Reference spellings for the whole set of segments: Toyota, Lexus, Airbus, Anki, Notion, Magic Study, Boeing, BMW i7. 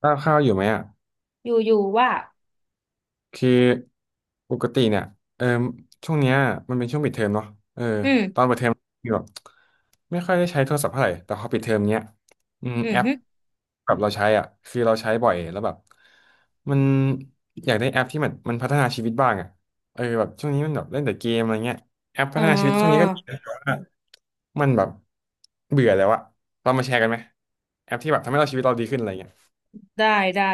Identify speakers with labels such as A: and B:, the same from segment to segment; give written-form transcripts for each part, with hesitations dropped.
A: ข้าวข้าวอยู่ไหมอ่ะ
B: อยู่อยู่ว่า
A: คือปกติเนี่ยเออช่วงเนี้ยมันเป็นช่วงปิดเทอมเนาะเออ
B: อื
A: ต
B: ม
A: อนเปิดเทอมคือแบบไม่ค่อยได้ใช้โทรศัพท์เท่าไหร่แต่พอปิดเทอมเนี้ยอืม
B: อืม
A: แอป
B: ฮึ
A: กับเราใช้อ่ะคือเราใช้บ่อยแล้วแบบมันอยากได้แอปที่มันพัฒนาชีวิตบ้างอ่ะเออแบบช่วงนี้มันแบบเล่นแต่เกมอะไรเงี้ยแอปพั
B: อ๋อ
A: ฒนาชีวิตช่วงนี้ก็ดีแต่ว่ามันแบบเบื่อแล้วอะเรามาแชร์กันไหมแอปที่แบบทำให้เราชีวิตเราดีขึ้นอะไรเงี้ย
B: ได้ได้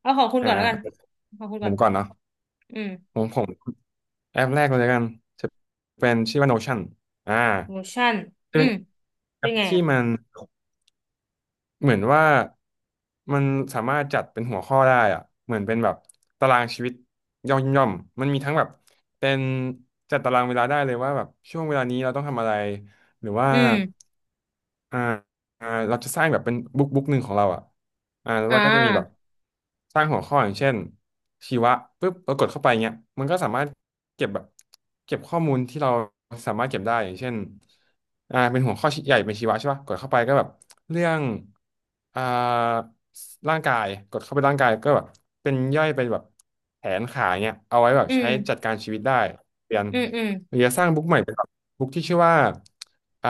B: เอาของคุณ
A: อ่า
B: ก่อนแล้ว
A: อ่า
B: กันของคุณ
A: ผ
B: ก่อ
A: ม
B: น
A: ก่อนเนาะ
B: อืม
A: ผม แอปแรกเลยละกันจะเป็นชื่อว่า Notion อ่า
B: motion
A: จะ
B: อื
A: เป็น
B: ม
A: แอ
B: เป็น
A: ป
B: ไง
A: ที่
B: อ่ะ
A: มันเหมือนว่ามันสามารถจัดเป็นหัวข้อได้อะเหมือนเป็นแบบตารางชีวิตย่อมย่อมมันมีทั้งแบบเป็นจัดตารางเวลาได้เลยว่าแบบช่วงเวลานี้เราต้องทำอะไรหรือว่า
B: อืม
A: อ่า อ่าเราจะสร้างแบบเป็นบุ๊กบุ๊กหนึ่งของเราอ่ะอ่าแล้ว
B: อ่
A: เราก็จะมีแบบ
B: า
A: สร้างหัวข้ออย่างเช่นชีวะปุ๊บเรากดเข้าไปเงี้ยมันก็สามารถเก็บแบบเก็บข้อมูลที่เราสามารถเก็บได้อย่างเช่นอ่าเป็นหัวข้อใหญ่เป็นชีวะใช่ป่ะกดเข้าไปก็แบบเรื่องอ่าร่างกายกดเข้าไปร่างกายก็แบบเป็นย่อยเป็นแบบแขนขาเงี้ยเอาไว้แบบ
B: อืม
A: ใช้จัดการชีวิตได้เรียน
B: อืม อืม
A: หรือจะสร้างบุ๊กใหม่ บุ๊กที่ชื่อว่าอ่า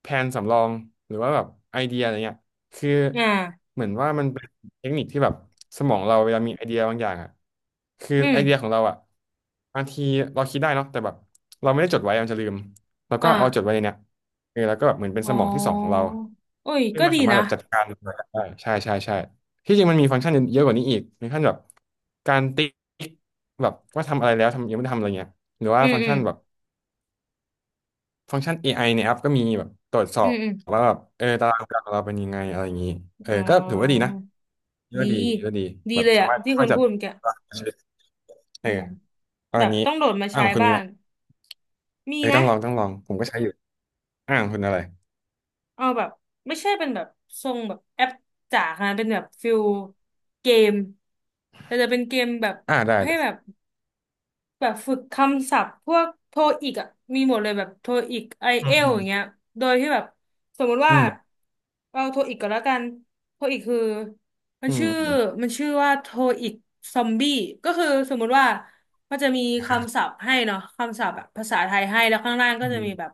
A: แผนสำรองหรือว่าแบบไอเดียอะไรเงี้ยคือ
B: อ่า
A: เหมือนว่ามันเป็นเทคนิคที่แบบสมองเราเวลามีไอเดียบางอย่างอ่ะคือ
B: อืม
A: ไอเดียของเราอ่ะบางทีเราคิดได้เนาะแต่แบบเราไม่ได้จดไว้มันจะลืมแล้วก็เอาจด
B: อ่า
A: ไว้ในเนี้ยเออแล้วก็แบบเหมือนเป็น
B: อ๋
A: สมองที่สองของ
B: อ
A: เรา
B: โอ้ย
A: ซึ่ง
B: ก็
A: มัน
B: ดี
A: สามารถ
B: นะ
A: แบบจัดการมันได้ใช่ใช่ใช่ที่จริงมันมีฟังก์ชันเยอะกว่านี้อีกมีขั้นแบบการติ๊กแบบว่าทำอะไรแล้วทำยังไม่ได้ทำอะไรเงี้ยหรือว่า
B: อืม
A: ฟังก์
B: อืม
A: ชันแบบ ฟังก์ชัน AI ในแอปก็มีแบบตรวจสอ
B: อื
A: บ
B: มอืม
A: ว่าแบบเออตารางการของเราเป็นยังไงอะไรอย่างนี้เออ
B: อ๋อ
A: ก็ถือว่าดีนะถือ
B: ดี
A: ว่าดีถือว่าดี
B: ดี
A: แบบ
B: เลย
A: สา
B: อ่ะ
A: มารถ
B: ที่
A: ช่ว
B: คุ
A: ย
B: ณ
A: จั
B: พู
A: ด
B: ดเมื่อกี้
A: ตารางชีวิตเอ
B: อื
A: อ
B: ม
A: เอา
B: แบ
A: อัน
B: บ
A: นี้
B: ต้องโดดมา
A: อ่า
B: ใช้
A: ของคุณมี
B: บ้า
A: ไหม
B: งมี
A: เออต้อ
B: นะ
A: งลองต้องลองผมก็ใช้อยู่อ่าของคุณอะไร
B: เอาแบบไม่ใช่เป็นแบบทรงแบบแอปจ๋าขนาดนั้นเป็นแบบฟิลเกมแต่จะเป็นเกมแบบ
A: อ่าได้
B: ให้แบ
A: ได้
B: บ แบบฝึกคำศัพท์พวกโทอีกอ่ะมีหมดเลยแบบโทอีกไอ
A: อื
B: เอลอ
A: ม
B: ย่างเงี้ยโดยที่แบบสมมติ
A: อื
B: ว่า
A: ม
B: เอาโทอีกก่อนแล้วกันโทอีกคือมัน
A: อืม
B: ชื่อ
A: อืม
B: มันชื่อว่าโทอีกซอมบี้ก็คือสมมุติว่ามันจะมีคำศัพท์ให้เนาะคำศัพท์แบบภาษาไทยให้แล้วข้างล่างก็
A: อื
B: จะ
A: ม
B: มีแบบ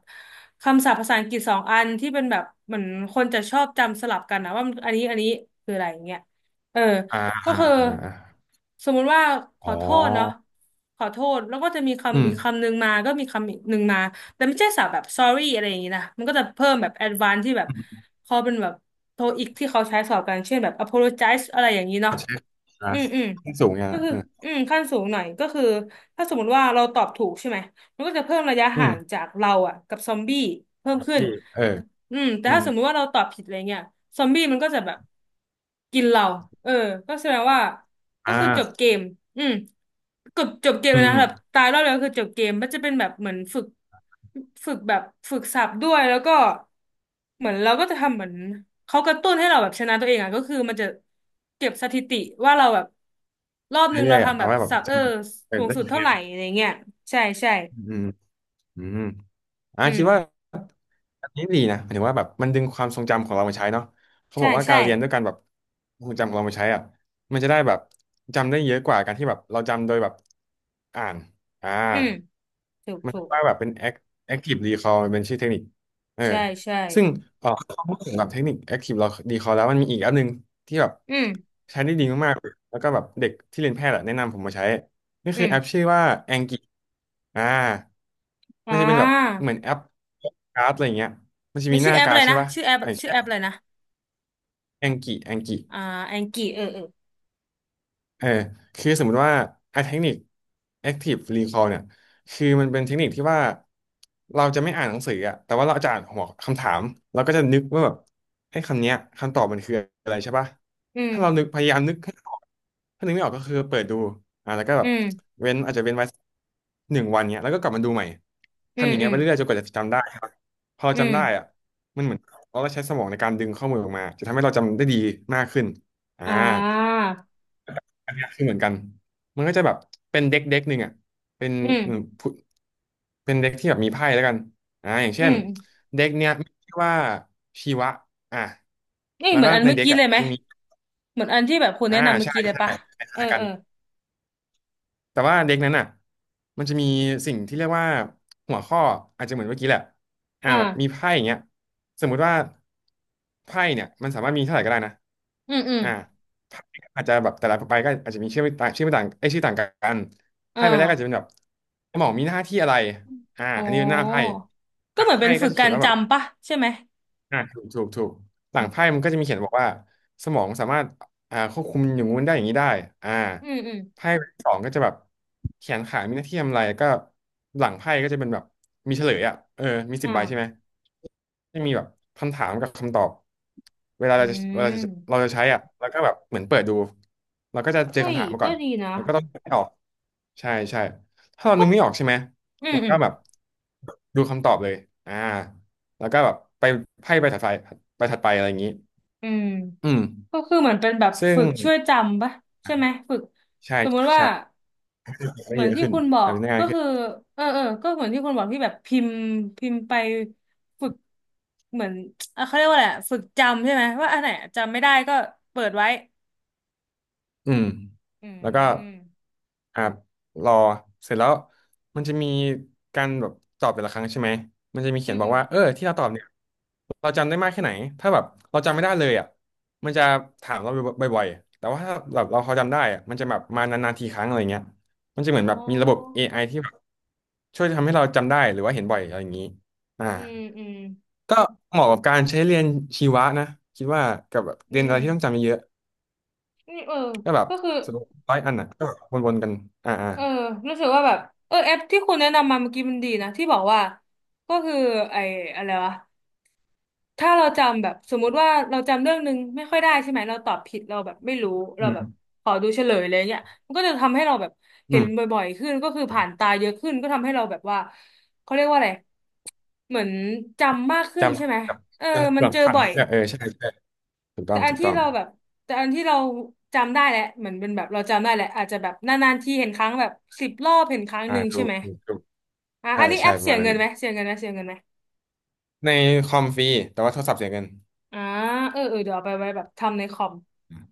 B: คำศัพท์ภาษาอังกฤษสองอันที่เป็นแบบเหมือนคนจะชอบจำสลับกันนะว่ามันอันนี้อันนี้คืออะไรอย่างเงี้ยเออ
A: อ่า
B: ก็
A: อ่า
B: คือ
A: อ่า
B: สมมุติว่าข
A: อ๋อ
B: อโทษเนาะขอโทษแล้วก็จะมี
A: อื
B: คำ
A: ม
B: อีกคำหนึ่งมาก็มีคำอีกหนึ่งมาแต่ไม่ใช่สับแบบ sorry อะไรอย่างนี้นะมันก็จะเพิ่มแบบ advance ที่แบบ
A: อืม
B: เขาเป็นแบบโทอีกที่เขาใช้สอบกันเช่นแบบ apologize อะไรอย่างนี้เนาะ
A: เช็คอ่า
B: อืมอืม
A: ขึ้นสูงอ่ะ
B: ก็คือ
A: เออ
B: อืมขั้นสูงหน่อยก็คือถ้าสมมติว่าเราตอบถูกใช่ไหมมันก็จะเพิ่มระยะ
A: อื
B: ห่าง
A: ม
B: จากเราอะกับซอมบี้เพิ่มขึ้น
A: ดีเออ
B: อืมแต่
A: อื
B: ถ้า
A: ม
B: สมมุติว่าเราตอบผิดอะไรเงี้ยซอมบี้มันก็จะแบบกินเราเออก็แสดงว่าก็
A: อ่
B: คือจบ
A: า
B: เกมอืมจบจบเกม
A: อื
B: เลย
A: ม
B: นะ
A: อืม
B: แบบตายรอบเดียวคือจบเกมมันจะเป็นแบบเหมือนฝึกฝึกแบบฝึกศัพท์ด้วยแล้วก็เหมือนเราก็จะทำเหมือนเขากระตุ้นให้เราแบบชนะตัวเองอ่ะก็คือมันจะเก็บสถิติว่าเราแบบรอบนึง
A: เรื่
B: เรา
A: อยๆอ่ะ
B: ทำแบ
A: เอา
B: บ
A: ไว้แบบ
B: ศัพท์
A: จ
B: เออ
A: ำเออ
B: สูง
A: ได้
B: สุด
A: อีกเล
B: เท่าไห
A: ย
B: ร่อะไรเงี้ยใช่ใช่
A: อืมอืม อ่า
B: อื
A: คิ
B: ม
A: ดว่าอันนี้ดีนะหมายถึงว่าแบบมันดึงความทรงจำของเรามาใช้เนาะเขาบ
B: ใช่
A: อกว่า
B: ใช่
A: การเรียนด้วยการแบบทรงจำของเรามาใช้อ่ะมันจะได้แบบจำได้เยอะกว่าการที่แบบเราจำโดยแบบอ่านอ่า
B: อืมถูก
A: มัน
B: ถู
A: เรียก
B: ก
A: ว่าแบบเป็น active recall มันเป็นชื่อเทคนิคเออ
B: ใช่ใช่
A: ซึ่งเออถ้พูดถึงแบบเทคนิค active recall แล้วมันมีอีกอันหนึงที่แบบ
B: อืม
A: ใช้ได้ดีมากๆแล้วก็แบบเด็กที่เรียนแพทย์อะแนะนำผมมาใช้นี่
B: อื
A: คือแอป
B: ม
A: ชื่อว่า Anki อ่า
B: อ๋อ
A: มันจะเป็นแบบเหมือนแอปการ์ดอะไรเงี้ยมันจะ
B: มัน
A: มีห
B: ชื่อ
A: น้า
B: แอป
A: กา
B: อะ
A: ร์
B: ไร
A: ดใช่
B: นะ
A: ป่ะ
B: ชื่อแอป
A: อย่าง
B: ชื่อ
A: เช่
B: แอ
A: น
B: ปอะไรนะ
A: แองกิแองกิ
B: อ่าแองกี้เออเออ
A: เออคือสมมุติว่าไอ้เทคนิค active recall เนี่ยคือมันเป็นเทคนิคที่ว่าเราจะไม่อ่านหนังสืออะแต่ว่าเราจะอ่านหัวคำถามเราก็จะนึกว่าแบบไอ้คำเนี้ยคำตอบมันคืออะไรใช่ปะ
B: อื
A: ถ้าเรานึ
B: ม
A: กพยายามนึกให้ออกถ้านึกไม่ออกก็คือเปิดดูอ่ะแล้วก็แบ
B: อื
A: บ
B: ม
A: เว้นอาจจะเว้นไว้1 วันเนี้ยแล้วก็กลับมาดูใหม่
B: อื
A: ทำ
B: ม
A: อย่าง
B: อื
A: เงี้ยไป
B: ม
A: เรื่อยๆจนกว่าจะจำได้ครับพอเรา
B: อื
A: จำได้อ่ะ
B: ม
A: มันเหมือนเราได้ใช้สมองในการดึงข้อมูลออกมาจะทำให้เราจำได้ดีมากขึ้นอ่า
B: อ่า
A: อันเนี้ยคือเหมือนกัน มันก็จะแบบเป็นเด็กเด็กหนึ่งอ่ะเป็น
B: อื
A: อืม
B: ม
A: ผู้เป็นเด็กที่แบบมีไพ่แล้วกันอ่าอย่าง
B: อื
A: เช่น
B: ม
A: เด็กเนี้ยมีชื่อว่าชีวะอ่ะ
B: นี่
A: แล้ว
B: เหมือ
A: ก็
B: นอัน
A: ใน
B: เมื่อ
A: เด็ก
B: กี้
A: อ่ะ
B: เลยไหม
A: จะมี
B: เหมือนอันที่แบบคุณ
A: อ่า
B: แนะนำเมื่อ
A: ใช่
B: กี้เลย
A: ใช่
B: ปะเอ
A: ค
B: อ
A: ล้ายๆกั
B: เอ
A: น
B: อ
A: แต่ว่าเด็กนั้นอ่ะมันจะมีสิ่งที่เรียกว่าหัวข้ออาจจะเหมือนเมื่อกี้แหละแบบมี
B: อ่า
A: ไพ่อย่างเงี้ยสมมุติว่าไพ่เนี่ยมันสามารถมีเท่าไหร่ก็ได้นะ
B: อืมอืม
A: อ่าไพ่อาจจะแบบแต่ละใบก็อาจจะมีชื่อไม่ต่างชื่อไม่ต่างไอยชื่อต่างกันไพ่
B: อ่า
A: ใบแรกก็อาจจะเป็นแบบหมอมีหน้าที่อะไร
B: โอ้
A: อันนี้เป็นหน้าไพ่ห
B: ก็
A: ลั
B: เห
A: ง
B: มือนเป็
A: ไพ่
B: น
A: ก็
B: ฝึก
A: จะเขี
B: กา
A: ยน
B: ร
A: ว่าแบบ
B: จำปะใช่ไหม
A: อ่าถูกถูกถูกหลั
B: อื
A: งไพ่
B: ม
A: มันก็จะมีเขียนบอกว่าสมองสามารถควบคุมอย่างงู้นได้อย่างนี้ได้อ่า
B: อืมอืม
A: ไพ่สองก็จะแบบแขนขามีหน้าที่ทำอะไรก็หลังไพ่ก็จะเป็นแบบมีเฉลยอ่ะเออมี10 ใบใช่ไหม
B: อ่า
A: จะมีแบบคำถามกับคำตอบเวลา
B: อื
A: เราจะเวลาจะเรา
B: ม
A: จะใช้อ่ะแล้วก็แบบเหมือนเปิดดูเราก็จะเจอ
B: เฮ้ย
A: คำถามมา
B: ก็
A: ก่อน
B: ดีนะ
A: แล้วก็ต้องนึกให้ออกใช่ใช่ถ้าเรานึ
B: ปุ๊
A: ก
B: บ
A: ไม่ออกใช่ไหม
B: อืม
A: เรา
B: อื
A: ก็
B: ม
A: แบบดูคำตอบเลยอ่า แล้วก็แบบไปไพ่ไปถัดไปอะไรอย่างนี้
B: อืม
A: อืม
B: ก็คือเหมือนเป็นแบบ
A: ซึ่
B: ฝึ
A: ง
B: กช่วยจำปะใช่ไหมฝึก
A: ใช่
B: สมมุ
A: ใช่
B: ติว่า
A: ใช่ทำได้
B: เหมือ
A: เย
B: น
A: อะ
B: ที่
A: ขึ้น
B: คุณบอก
A: ทำได้ง่า
B: ก็
A: ยขึ้
B: คื
A: น
B: อเออเออก็เหมือนที่คุณบอกที่แบบพิมพ์พิมพ์ไปฝึกเหมือนเขาเรียกว่าอะไรอะฝึกจำใช่ไหมว่าอันไหนจำไม่ได้ก็เปิดไว้
A: อืม
B: อื
A: แล้วก็
B: ม
A: อ่ารอเสร็จแล้วมันจะมีการแบบตอบแต่ละครั้งใช่ไหมมันจะมี
B: อื
A: เขียน
B: ม
A: บ
B: อื
A: อก
B: ม
A: ว่าเออที่เราตอบเนี่ยเราจำได้มากแค่ไหนถ้าแบบเราจำไม่ได้เลยอ่ะมันจะถามเราบ่อยๆแต่ว่าถ้าแบบเราพอจำได้อ่ะมันจะแบบมานานๆทีครั้งอะไรเงี้ยมันจะเหมือน
B: อ๋
A: แบบมีระบบ
B: อ
A: AI ที่แบบช่วยทำให้เราจำได้หรือว่าเห็นบ่อยอะไรอย่างนี้อ่า
B: อืมอืม
A: ก็เหมาะกับการใช้เรียนชีวะนะคิดว่ากับแบบเรีย
B: อื
A: นอะไร
B: ม
A: ที่ต้องจำเยอะ
B: นี่เออ
A: ก็แบบ
B: ก็คือ
A: สรุป100 อันอ่ะก็แบบวนๆกันอ่าอ่า
B: เออรู้สึกว่าแบบเออแอปที่คุณแนะนำมาเมื่อกี้มันดีนะที่บอกว่าก็คือไอ้อะไรวะ ถ้าเราจำแบบสมมุติว่าเราจำเรื่องนึงไม่ค่อยได้ใช่ไหมเราตอบผิดเราแบบไม่รู้
A: อื
B: เรา
A: ม
B: แบบขอดูเฉลยอะไรเงี้ยมันก็จะทำให้เราแบบ
A: อื
B: เห็น
A: ม
B: บ่อยๆขึ้นก็คือผ่านตาเยอะขึ้นก็ทำให้เราแบบว่าเขาเรียกว่าอะไรเหมือนจำมากขึ้น
A: จำ
B: ใช่ไหม
A: แบบ
B: เออ
A: ยัง
B: มั
A: แบ
B: น
A: บ
B: เจอ
A: ฝัง
B: บ่อ
A: เล
B: ย
A: ยอะเออใช่ใช่ถูกต้อ
B: แต่
A: ง
B: อั
A: ถู
B: น
A: ก
B: ที่
A: ต้อง
B: เราแบบแต่อันที่เราจำได้แหละเหมือนเป็นแบบเราจำได้แหละอาจจะแบบนานๆทีเห็นครั้งแบบ10 รอบเห็นครั้งห
A: อ่า
B: นึ่ง
A: ถู
B: ใช่
A: ก
B: ไหม
A: ถูกถูก
B: อ่ะ
A: ใช่
B: อันนี้แอ
A: ใช่
B: ป
A: ประ
B: เสี
A: มา
B: ย
A: ณนั้
B: เงิ
A: น
B: นไหมเสียเงินไหมเสียเงินไหม
A: ในคอมฟรีแต่ว่าโทรศัพท์เสียเงิน
B: อ่าเออเออเดี๋ยวเอาไปไว้แบบทำในคอม
A: อืม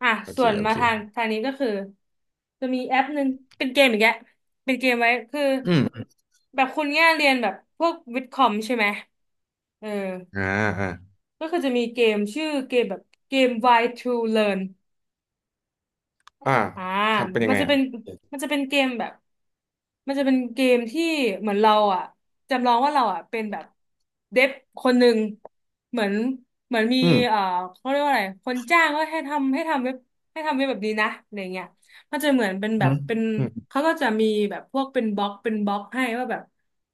B: อ่ะ
A: โอเค
B: ส่วน
A: โอ
B: มา
A: เค
B: ทางทางนี้ก็คือจะมีแอปหนึ่งเป็นเกมอีกแกเป็นเกมไว้คือ
A: อืม
B: แบบคุณเนี่ยเรียนแบบพวกวิทย์คอมใช่ไหมเออ
A: อ่าอ่า
B: ก็คือจะมีเกมชื่อเกมแบบเกม Why to Learn
A: อ่า
B: อ่า
A: ทำเป็นยั
B: มั
A: ง
B: น
A: ไง
B: จะ
A: อ่ะ
B: เป็นมันจะเป็นเกมแบบ มันจะเป็นเกมที่เหมือนเราอ่ะจำลองว่าเราอ่ะเป็นแบบเดฟคนหนึ่งเหมือนเหมือนมี
A: อืม
B: เอ่อเขาเรียกว่าอะไรคนจ้างก็ให้ทำให้ทำเว็บให้ทำเว็บแบบนี้นะอะไรเงี้ยมันจะเหมือนเป็นแบ
A: อื
B: บ
A: ม
B: เป็น
A: อืม
B: เขาก็จะมีแบบพวกเป็นบล็อกเป็นบล็อกให้ว่าแบบ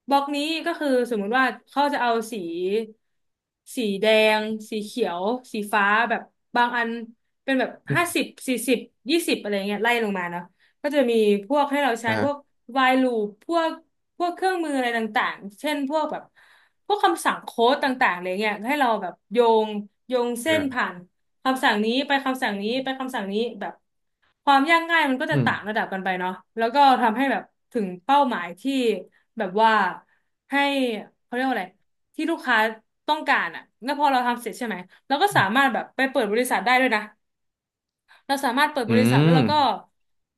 B: บล็อกนี้ก็คือสมมุติว่าเขาจะเอาสีสีแดงสีเขียวสีฟ้าแบบบางอันเป็นแบบ
A: อื
B: ห้า
A: ม
B: สิบ4020อะไรเงี้ยไล่ลงมาเนาะ ก็จะมีพวกให้เราใช้พวก
A: อ่า
B: while loop พวกเครื่องมืออะไรต่างๆเช่นพวกแบบพวกคำสั่งโค้ดต่างๆอะไรเงี้ยให้เราแบบงโยงเส้น
A: อ่า
B: ผ่านคำสั่งนี้ไปคำสั่งนี้ไปคำสั่งนี้แบบความยากง่ายมันก็จะ
A: อืม
B: ต่างระดับกันไปเนาะแล้วก็ทำให้แบบถึงเป้าหมายที่แบบว่าให้เขาเรียกว่าอะไรที่ลูกค้าต้องการอ่ะแล้วพอเราทำเสร็จใช่ไหมเราก็
A: อื
B: สา
A: ม
B: มารถแบบไปเปิดบริษัทได้ด้วยนะ เราสามารถเปิดบ
A: อื
B: ริษัทแล้ว
A: ม
B: เราก็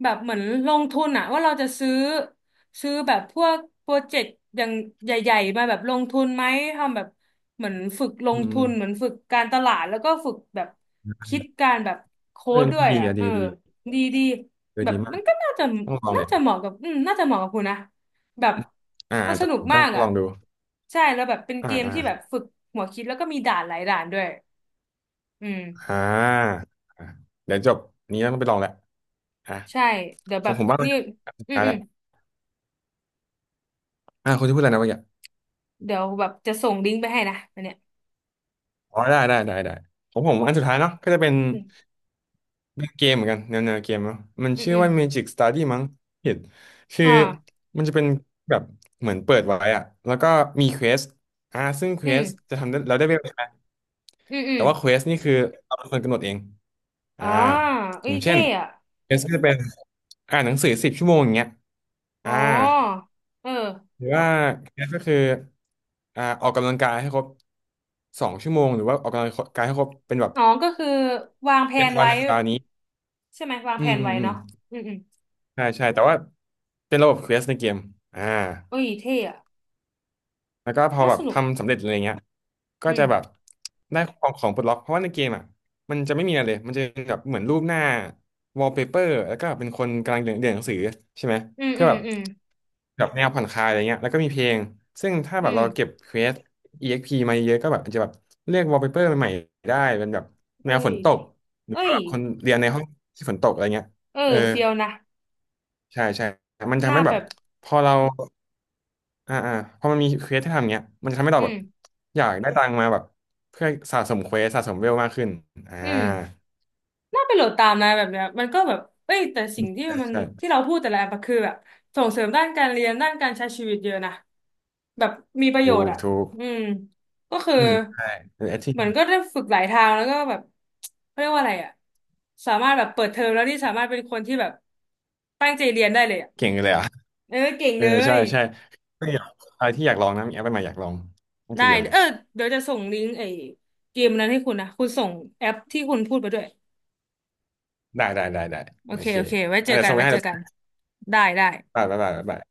B: แบบเหมือนลงทุนอะว่าเราจะซื้อแบบพวกโปรเจกต์อย่างใหญ่ๆมาแบบลงทุนไหมทำแบบเหมือนฝึกล
A: อื
B: ง
A: ม
B: ทุนเหมือนฝึกการตลาดแล้วก็ฝึกแบบคิดการแบบโค้
A: เออ
B: ดด้วย
A: ดี
B: อะ
A: อ่ะ
B: เอ
A: ดี
B: อ
A: ดี
B: ดีดี
A: เออ
B: แบบ
A: ดีมา
B: มั
A: ก
B: นก็น่าจะ
A: ต้องลองเล
B: น่า
A: ย
B: จะเหมาะกับน่าจะเหมาะกับคุณนะแบบ
A: อ่า
B: มันส
A: แต่
B: นุ
A: ผ
B: ก
A: มต้
B: มา
A: อง
B: ก
A: ล
B: อะ
A: องดู
B: ใช่แล้วแบบเป็น
A: อ่า
B: เกม
A: อ่า
B: ที่แบบฝึกหัวคิดแล้วก็มีด่านหลายด่านด้วยอืม
A: อ่าเดี๋ยวจบนี้ต้องไปลองแหละอ่ะ
B: ใช่เดี๋ยว
A: ข
B: แบ
A: อง
B: บ
A: ผมบ้างเลย
B: นี่
A: อันสุด
B: อืม
A: ท้าย
B: อื
A: แล้
B: ม
A: วคุณจะพูดอะไรนะเมื่อกี้
B: เดี๋ยวแบบจะส่งลิงก์ไปให้นะอันเนี้ย
A: อ๋อได้ได้ได้ได้ของผม
B: โอเค
A: อันสุดท้ายเนาะก็จะเป็น
B: อืม
A: เป็นเกมเหมือนกันแนวเกมเนาะมัน
B: อืม
A: ชื่อ
B: อืม
A: ว่า Magic Study มั้งผิดคื
B: อ
A: อ
B: ่า
A: มันจะเป็นแบบเหมือนเปิดไว้อะแล้วก็มีเควสซึ่งเค
B: อื
A: ว
B: ม
A: สจะทำได้เราได้เวลา
B: อืมอื
A: แต่
B: ม
A: ว่าเควสนี่คือเราเป็นคนกำหนดเองอ่า
B: อ่าเอ้
A: อ
B: ย
A: ย่างเช่
B: เท่
A: น
B: อะ
A: เควสก็จะเป็นอ่านหนังสือ10 ชั่วโมงอย่างเงี้ย
B: อ๋
A: อ่า
B: อเออ
A: หรือว่าเคสก็คือออกกำลังกายให้ครบ2 ชั่วโมงหรือว่าออกกำลังกายให้ครบเป็นแบบ
B: อ๋อก็คือวางแผ
A: เจ็ด
B: น
A: วัน
B: ไว้
A: ในสัปดาห์นี้
B: ใช่ไหมวาง
A: อื
B: แผ
A: ม
B: น
A: อื
B: ไว้
A: มอืม
B: เนาะอืมอืม
A: ใช่ใช่แต่ว่าเป็นระบบเควสในเกมอ่า
B: เอ้ยเท่อะ
A: แล้วก็พอ
B: น่า
A: แบ
B: ส
A: บ
B: นุก
A: ทำสำเร็จอะไรเงี้ยก็
B: อืม
A: จะแบบได้ของปลดล็อก เพราะว่าในเกมอ่ะมันจะไม่มีอะไรเลยมันจะเป็นแบบเหมือนรูปหน้าวอลเปเปอร์แล้วก็เป็นคนกำลังเรียนหนังสือใช่ไหม
B: อืม
A: เพื่
B: อื
A: อ
B: ม
A: แบบ
B: อืม
A: แบบแนวผ่อนคลายอะไรเงี้ยแล้วก็มีเพลง ซึ่งถ้า
B: อื
A: แบบ
B: ม
A: เราเก็บเควส EXP มาเยอะก็แบบอาจจะแบบเลือกวอลเปเปอร์ใหม่ๆได้ เป็นแบบแน
B: เอ้
A: วฝ
B: ย
A: นตก หรือ
B: เอ้
A: ว่า
B: ย
A: แบบคนเรียนในห้องที่ฝนตกอะไรเงี้ย
B: เออ
A: เออ
B: เฟียวนะ
A: ใช่ใช่ มัน
B: ห
A: ทำ
B: น้า
A: ให้แบ
B: แบ
A: บ
B: บ
A: พอเราอ่าอ่าพอมันมีเควสที่ทำเงี้ยมันทำให้
B: อื
A: เราแบบ
B: ม
A: อยากได้ตังค์มาแบบเพื่อสะสมเควสสะสมเวลมากขึ้นอ่า
B: อืมน่าไปโหลดตามนะแบบเนี้ยมันก็แบบเอ้ยแต่สิ่งที่มัน
A: ใช่
B: ที่เราพูดแต่ละแอปอะคือแบบส่งเสริมด้านการเรียนด้านการใช้ชีวิตเยอะนะแบบมีประโย
A: ถู
B: ชน์
A: ก
B: อ่ะ
A: ถูก
B: อืมก็คือ
A: อืมใช่เออแอคที
B: เหมือนก็ได้ฝึกหลายทางแล้วก็แบบเขาเรียกว่าอะไรอ่ะสามารถแบบเปิดเทอมแล้วที่สามารถเป็นคนที่แบบตั้งใจเรียนได้เลยอ่ะ
A: เก่งเลยอ่ะ
B: เออเก่ง
A: เออ
B: เล
A: ใช่
B: ย
A: ใช่ก็อยากอะไรที่อยากลองนะมีแอปใหม่ๆอยากลองต้อง
B: ได้
A: เรียนเลย
B: เออเดี๋ยวจะส่งลิงก์ไอ้เกมนั้นให้คุณนะคุณส่งแอปที่คุณพูดไปด้วย
A: ได้ได้ได้ได้
B: โอ
A: โอ
B: เค
A: เค
B: โอเค ไว้เจ
A: อ่ะ
B: อ
A: เดี๋ย
B: กั
A: ว
B: น
A: ส่งไป
B: ไว้
A: ให้
B: เจอ
A: เดี๋ยวส่
B: กั
A: ง
B: น
A: ไป
B: ได้ ได้
A: บ๊ายบายบ๊ายบาย